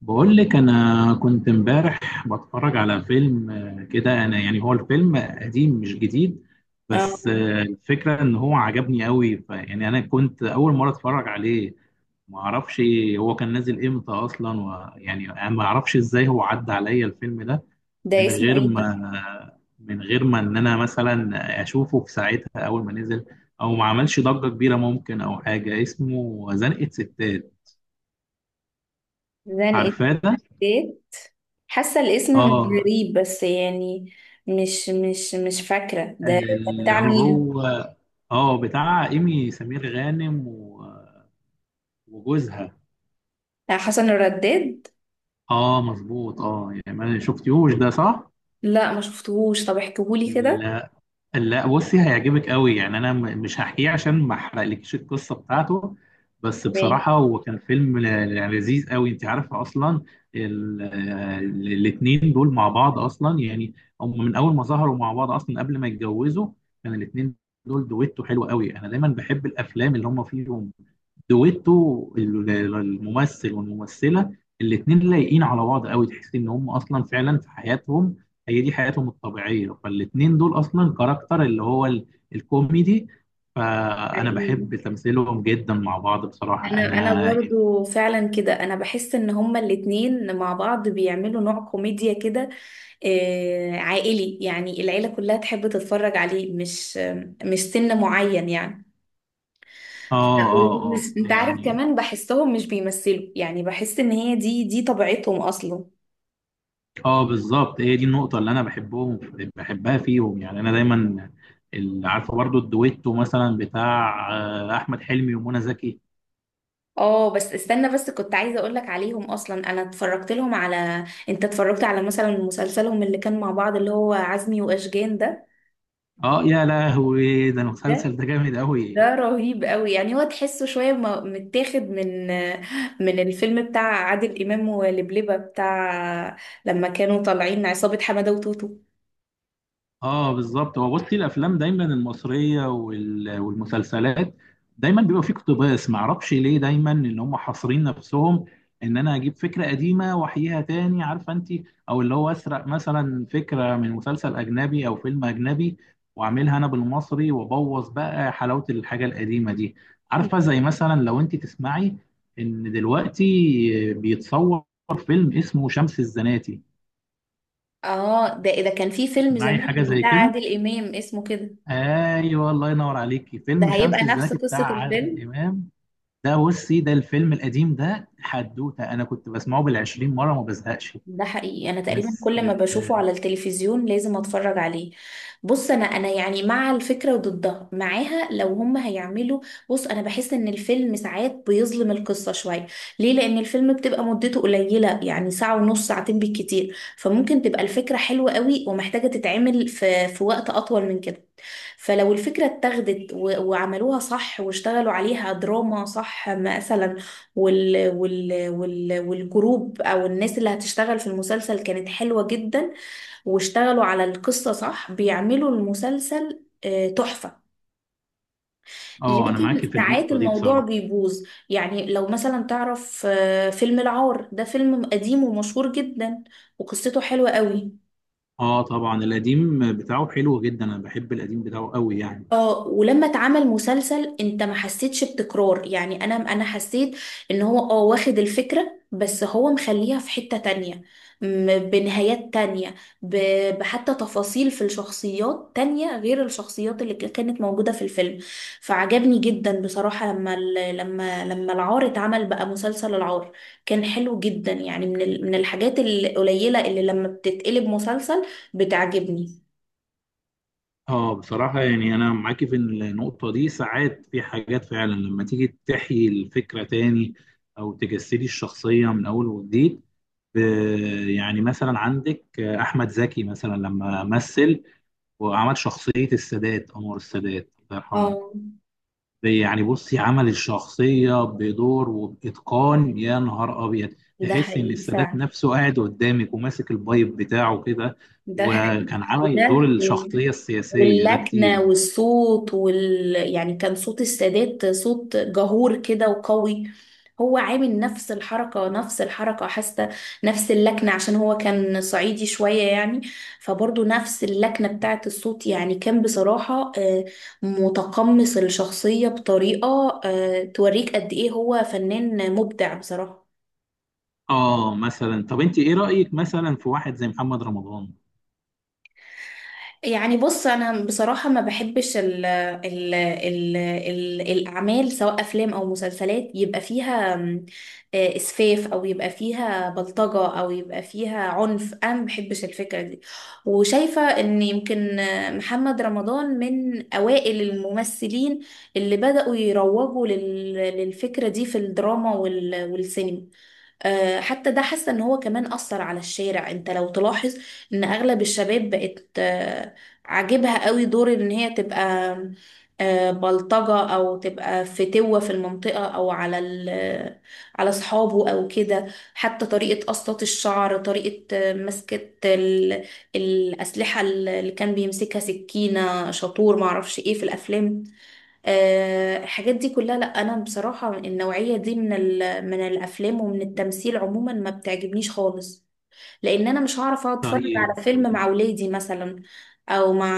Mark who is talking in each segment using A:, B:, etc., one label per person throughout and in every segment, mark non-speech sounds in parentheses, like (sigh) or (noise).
A: بقول لك انا كنت امبارح بتفرج على فيلم، كده. انا يعني هو الفيلم قديم مش جديد،
B: اه،
A: بس الفكره ان هو عجبني قوي، فيعني انا كنت اول مره اتفرج عليه. ما اعرفش هو كان نازل امتى اصلا، ويعني انا ما اعرفش ازاي هو عدى عليا الفيلم ده
B: ده
A: من
B: اسمه
A: غير
B: ايه ده؟
A: ما من غير ما ان انا مثلا اشوفه في ساعتها اول ما نزل، او ما عملش ضجه كبيره ممكن، او حاجه اسمه زنقة ستات.
B: زنقة
A: عارفاه ده؟
B: الزيت. حاسة الاسم مش
A: اه،
B: غريب بس يعني مش فاكرة ده
A: اللي
B: بتاع مين.
A: هو اه بتاع ايمي سمير غانم و- وجوزها.
B: بتاع حسن الرداد.
A: اه مظبوط، اه يعني ما شفتيهوش ده صح؟
B: لا ما شفتهوش، طب احكيهولي كده.
A: لا، لا، بصي هيعجبك قوي. يعني انا مش هحكيه عشان ما احرقلكيش القصه بتاعته. بس
B: تمام.
A: بصراحه هو كان فيلم يعني لذيذ قوي. انت عارفه اصلا الاثنين دول مع بعض اصلا، يعني هم من اول ما ظهروا مع بعض اصلا قبل ما يتجوزوا. كان الاثنين دول دويتو حلو قوي، انا دايما بحب الافلام اللي هم فيهم دويتو. الممثل والممثله الاثنين لايقين على بعض قوي، تحس ان هم اصلا فعلا في حياتهم، هي دي حياتهم الطبيعيه. فالاثنين دول اصلا كاركتر اللي هو الكوميدي. فانا
B: حقيقي.
A: بحب تمثيلهم جدا مع بعض، بصراحه
B: انا
A: انا يعني.
B: برضو فعلا كده، انا بحس ان هما الاتنين مع بعض بيعملوا نوع كوميديا كده، عائلي، يعني العيلة كلها تحب تتفرج عليه، مش سن معين يعني.
A: اه، اه، اه،
B: انت عارف،
A: يعني
B: كمان بحسهم مش بيمثلوا، يعني بحس ان هي دي طبيعتهم اصلا.
A: اه بالظبط هي دي النقطه اللي انا بحبهم بحبها فيهم. يعني انا دايما عارفه برضو الدويتو مثلا بتاع احمد حلمي ومنى زكي.
B: اه بس استنى، بس كنت عايزه اقول لك عليهم. اصلا انا اتفرجت لهم على، انت اتفرجت على مثلا مسلسلهم اللي كان مع بعض اللي هو عزمي واشجان ده؟
A: اه يا لهوي، ده
B: ده
A: المسلسل ده جامد قوي.
B: ده رهيب قوي. يعني هو تحسه شويه متاخد من (laughs) من الفيلم بتاع عادل امام ولبلبه، بتاع لما كانوا طالعين عصابه حماده وتوتو.
A: اه بالظبط، هو بصي الافلام دايما المصريه وال- والمسلسلات دايما بيبقى فيه اقتباس. ما اعرفش ليه دايما ان هم حاصرين نفسهم، ان انا اجيب فكره قديمه واحييها تاني، عارفه انت، او اللي هو اسرق مثلا فكره من مسلسل اجنبي او فيلم اجنبي واعملها انا بالمصري، وابوظ بقى حلاوه الحاجه القديمه دي. عارفه زي مثلا لو انت تسمعي ان دلوقتي بيتصور فيلم اسمه شمس الزناتي،
B: اه ده كان في فيلم
A: معي
B: زمان
A: حاجه زي
B: بتاع
A: كده.
B: عادل امام اسمه كده.
A: ايوه، الله ينور عليكي،
B: ده
A: فيلم شمس
B: هيبقى نفس
A: الزناتي بتاع
B: قصة الفيلم.
A: عادل امام ده. بصي ده الفيلم القديم ده حدوته انا كنت بسمعه بالعشرين مره ما بزهقش.
B: ده حقيقي، انا تقريبا
A: بس
B: كل ما بشوفه على التلفزيون لازم اتفرج عليه. بص انا يعني مع الفكرة وضدها معاها لو هم هيعملوا. بص انا بحس ان الفيلم ساعات بيظلم القصة شوية. ليه؟ لان الفيلم بتبقى مدته قليلة، يعني ساعة ونص، ساعتين بالكتير، فممكن تبقى الفكرة حلوة قوي ومحتاجة تتعمل في وقت اطول من كده. فلو الفكرة اتاخدت وعملوها صح واشتغلوا عليها دراما صح مثلا، وال والجروب او الناس اللي هتشتغل في المسلسل كانت حلوة جدا، واشتغلوا على القصة صح، بيعملوا المسلسل تحفة.
A: اه، انا معاكي
B: لكن
A: في
B: ساعات
A: النقطه دي
B: الموضوع
A: بصراحه.
B: بيبوظ. يعني لو مثلا تعرف فيلم العار، ده فيلم قديم ومشهور جدا وقصته حلوة قوي.
A: اه طبعا، القديم بتاعه حلو جدا، انا بحب القديم بتاعه قوي يعني.
B: اه ولما اتعمل مسلسل، انت ما حسيتش بتكرار؟ يعني انا حسيت ان هو اه واخد الفكرة، بس هو مخليها في حتة تانية، بنهايات تانية، بحتى تفاصيل في الشخصيات تانية غير الشخصيات اللي كانت موجودة في الفيلم. فعجبني جدا بصراحة لما لما العار اتعمل بقى مسلسل العار، كان حلو جدا، يعني من من الحاجات القليلة اللي لما بتتقلب مسلسل بتعجبني.
A: اه بصراحه، يعني انا معاكي في النقطه دي، ساعات في حاجات فعلا لما تيجي تحيي الفكره تاني او تجسدي الشخصيه من اول وجديد. ب- يعني مثلا عندك احمد زكي مثلا، لما مثل وعمل شخصيه السادات، انور السادات الله يرحمه.
B: اه
A: يعني بصي، عمل الشخصيه بدور وباتقان يا نهار ابيض،
B: ده
A: تحس ان
B: حقيقي
A: السادات
B: فعلا.
A: نفسه قاعد قدامك وماسك البايب بتاعه كده.
B: ده حقيقي.
A: وكان عمل دور
B: وده
A: الشخصيه السياسيه ده
B: واللكنة
A: كتير.
B: والصوت يعني كان صوت السادات صوت جهور كده وقوي. هو عامل نفس الحركة نفس الحركة، حاسة نفس اللكنة عشان هو كان صعيدي شوية يعني. فبرضه نفس اللكنة بتاعت الصوت، يعني كان بصراحة متقمص الشخصية بطريقة توريك قد إيه هو فنان مبدع بصراحة.
A: اه مثلا طب انت ايه رايك مثلا في واحد زي محمد رمضان؟
B: يعني بص انا بصراحه ما بحبش ال الاعمال، سواء افلام او مسلسلات، يبقى فيها م، آه، اسفاف، او يبقى فيها بلطجه، او يبقى فيها عنف. انا ما بحبش الفكره دي. وشايفه ان يمكن محمد رمضان من اوائل الممثلين اللي بداوا يروجوا للفكره دي في الدراما والسينما. حتى ده، حاسه ان هو كمان اثر على الشارع. انت لو تلاحظ ان اغلب الشباب بقت عاجبها قوي دور ان هي تبقى بلطجه او تبقى فتوه في المنطقه او على على اصحابه او كده. حتى طريقه قصات الشعر، طريقه مسكه الاسلحه اللي كان بيمسكها، سكينه، شاطور، معرفش ايه في الافلام. الحاجات دي كلها لا، انا بصراحة النوعية دي من من الافلام ومن التمثيل عموما ما بتعجبنيش خالص. لان انا مش هعرف اقعد اتفرج
A: طيب،
B: على فيلم مع ولادي مثلا، او مع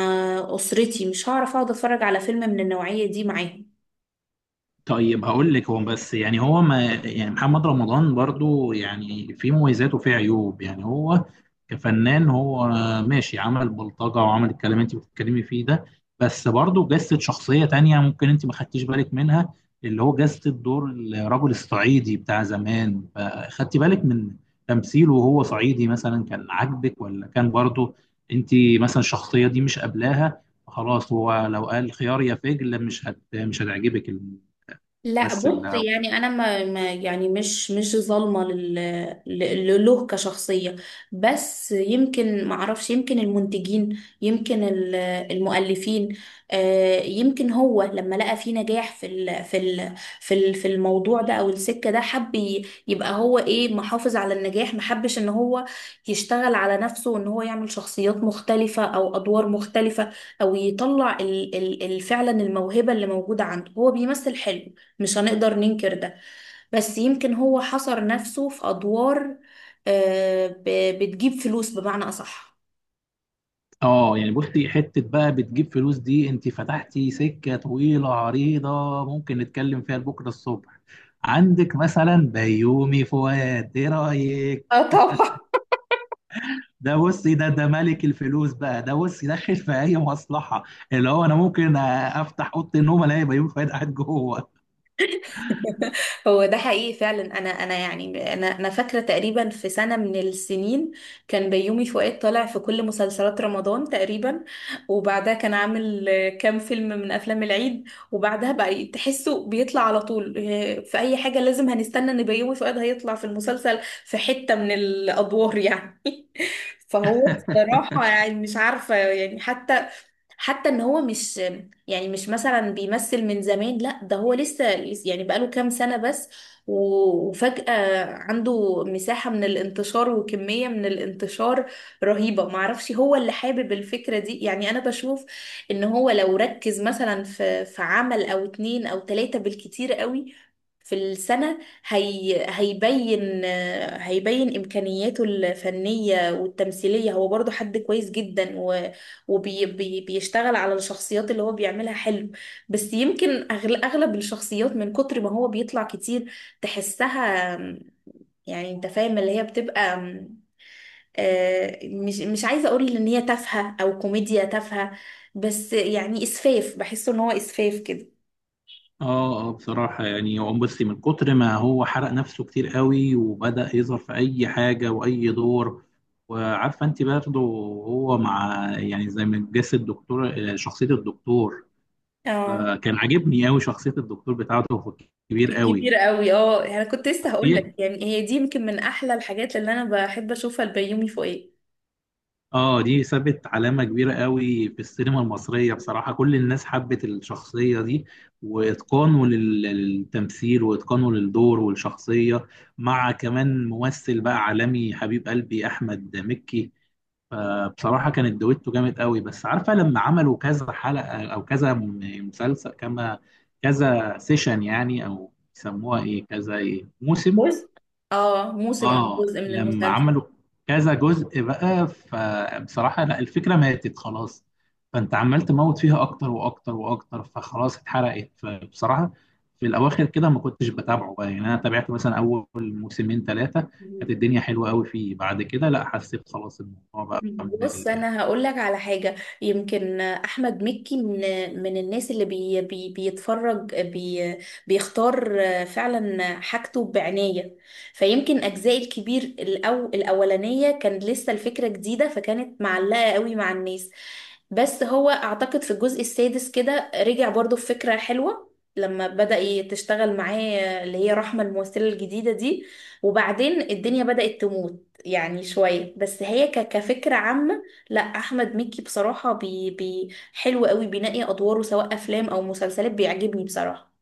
B: اسرتي، مش هعرف اقعد اتفرج على فيلم من النوعية دي معاهم.
A: طيب هقول لك. هو بس يعني هو ما يعني محمد رمضان برضو يعني في مميزات وفي عيوب، يعني هو كفنان هو ماشي، عمل بلطجة وعمل الكلام اللي انت بتتكلمي فيه ده، بس برضو جسد شخصية تانية ممكن انت ما خدتيش بالك منها، اللي هو جسد دور الرجل الصعيدي بتاع زمان. فخدتي بالك من تمثيله وهو صعيدي مثلا، كان عاجبك، ولا كان برضو انت مثلا الشخصية دي مش قابلاها؟ خلاص، هو لو قال خيار يا فجل مش هت مش هتعجبك.
B: لا
A: بس
B: بص، يعني انا يعني مش ظالمه له كشخصيه، بس يمكن ما اعرفش، يمكن المنتجين، يمكن المؤلفين. يمكن هو لما لقى فيه نجاح في في الموضوع ده او السكه ده، حب يبقى هو ايه، محافظ على النجاح. ما حبش ان هو يشتغل على نفسه وان هو يعمل شخصيات مختلفه او ادوار مختلفه، او يطلع فعلا الموهبه اللي موجوده عنده. هو بيمثل حلو، مش هنقدر ننكر ده، بس يمكن هو حصر نفسه في أدوار بتجيب فلوس بمعنى أصح.
A: يعني بصي، حتة بقى بتجيب فلوس دي انت فتحتي سكة طويلة عريضة، ممكن نتكلم فيها لبكرة الصبح. عندك مثلا بيومي فؤاد، ايه رأيك؟
B: اه طبعا.
A: ده بصي ده ملك الفلوس بقى، ده بصي داخل في اي مصلحة، اللي هو انا ممكن افتح اوضة النوم الاقي بيومي فؤاد قاعد جوه.
B: (laughs) هو ده حقيقي فعلا. انا يعني انا فاكره تقريبا في سنه من السنين كان بيومي فؤاد طالع في كل مسلسلات رمضان تقريبا. وبعدها كان عامل كام فيلم من افلام العيد. وبعدها بقى تحسه بيطلع على طول، في اي حاجه لازم هنستنى ان بيومي فؤاد هيطلع في المسلسل في حته من الادوار يعني. (laughs) فهو بصراحه يعني مش عارفه، يعني حتى ان هو مش، يعني مش مثلا بيمثل من زمان، لا ده هو يعني بقاله كام سنة بس، وفجأة عنده مساحة من الانتشار وكمية من الانتشار رهيبة. معرفش هو اللي حابب الفكرة دي، يعني انا بشوف ان هو لو ركز مثلا في عمل او اتنين او تلاتة بالكتير قوي في السنة، هي هيبين هيبين إمكانياته الفنية والتمثيلية. هو برضو حد كويس جدا وبيشتغل على الشخصيات اللي هو بيعملها حلو، بس يمكن أغلب الشخصيات من كتر ما هو بيطلع كتير تحسها، يعني أنت فاهم، اللي هي بتبقى مش عايزة أقول إن هي تافهة أو كوميديا تافهة، بس يعني إسفاف، بحسه إن هو إسفاف كده.
A: اه، اه، بصراحة يعني هو بصي من كتر ما هو حرق نفسه كتير قوي وبدأ يظهر في أي حاجة وأي دور. وعارفة أنت برضه، هو مع يعني زي ما جسد الدكتور، شخصية الدكتور،
B: اه
A: فكان عاجبني قوي شخصية الدكتور بتاعته، هو كبير قوي.
B: كبير قوي. اه انا كنت لسه هقول
A: في
B: لك، يعني هي دي يمكن من احلى الحاجات اللي انا بحب اشوفها البيومي فوقيه.
A: اه دي سابت علامة كبيرة قوي في السينما المصرية بصراحة، كل الناس حبت الشخصية دي، واتقانه للتمثيل واتقانه للدور والشخصية، مع كمان ممثل بقى عالمي حبيب قلبي احمد مكي. فبصراحة كانت دويتو جامد قوي. بس عارفة لما عملوا كذا حلقة او كذا مسلسل، كما كذا سيشن يعني، او يسموها ايه، كذا ايه موسم.
B: بص اه، موسم او
A: اه،
B: جزء من
A: لما
B: المسلسل.
A: عملوا كذا جزء بقى، فبصراحة لا، الفكرة ماتت خلاص، فانت عمال تموت فيها اكتر واكتر واكتر، فخلاص اتحرقت. فبصراحة في الاواخر كده ما كنتش بتابعه بقى، يعني انا تابعت مثلا اول موسمين ثلاثة، كانت الدنيا حلوة قوي فيه. بعد كده لا، حسيت خلاص الموضوع بقى
B: بص
A: ممل يعني.
B: انا هقول لك على حاجه، يمكن احمد مكي من الناس اللي بي بي بيتفرج بي بيختار فعلا حاجته بعنايه. فيمكن اجزاء الكبير الاولانيه كان لسه الفكره جديده، فكانت معلقه قوي مع الناس. بس هو اعتقد في الجزء السادس كده رجع برضو بفكره حلوه لما بدأ تشتغل معاه اللي هي رحمة، الممثلة الجديدة دي. وبعدين الدنيا بدأت تموت يعني شوية، بس هي كفكرة عامة لا، أحمد مكي بصراحة حلو قوي، بينقي أدواره سواء أفلام أو مسلسلات، بيعجبني بصراحة.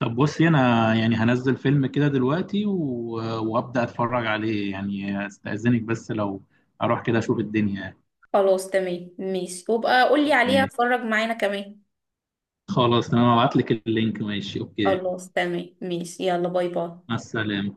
A: طب بصي انا يعني هنزل فيلم كده دلوقتي و... وابدأ اتفرج عليه، يعني استأذنك بس لو اروح كده اشوف الدنيا.
B: خلاص تمام، ماشي، وابقى قولي عليها اتفرج معانا كمان.
A: خلاص، انا هبعت لك اللينك، ماشي، اوكي.
B: خلاص تمام ماشي، يلا باي باي.
A: مع السلامة.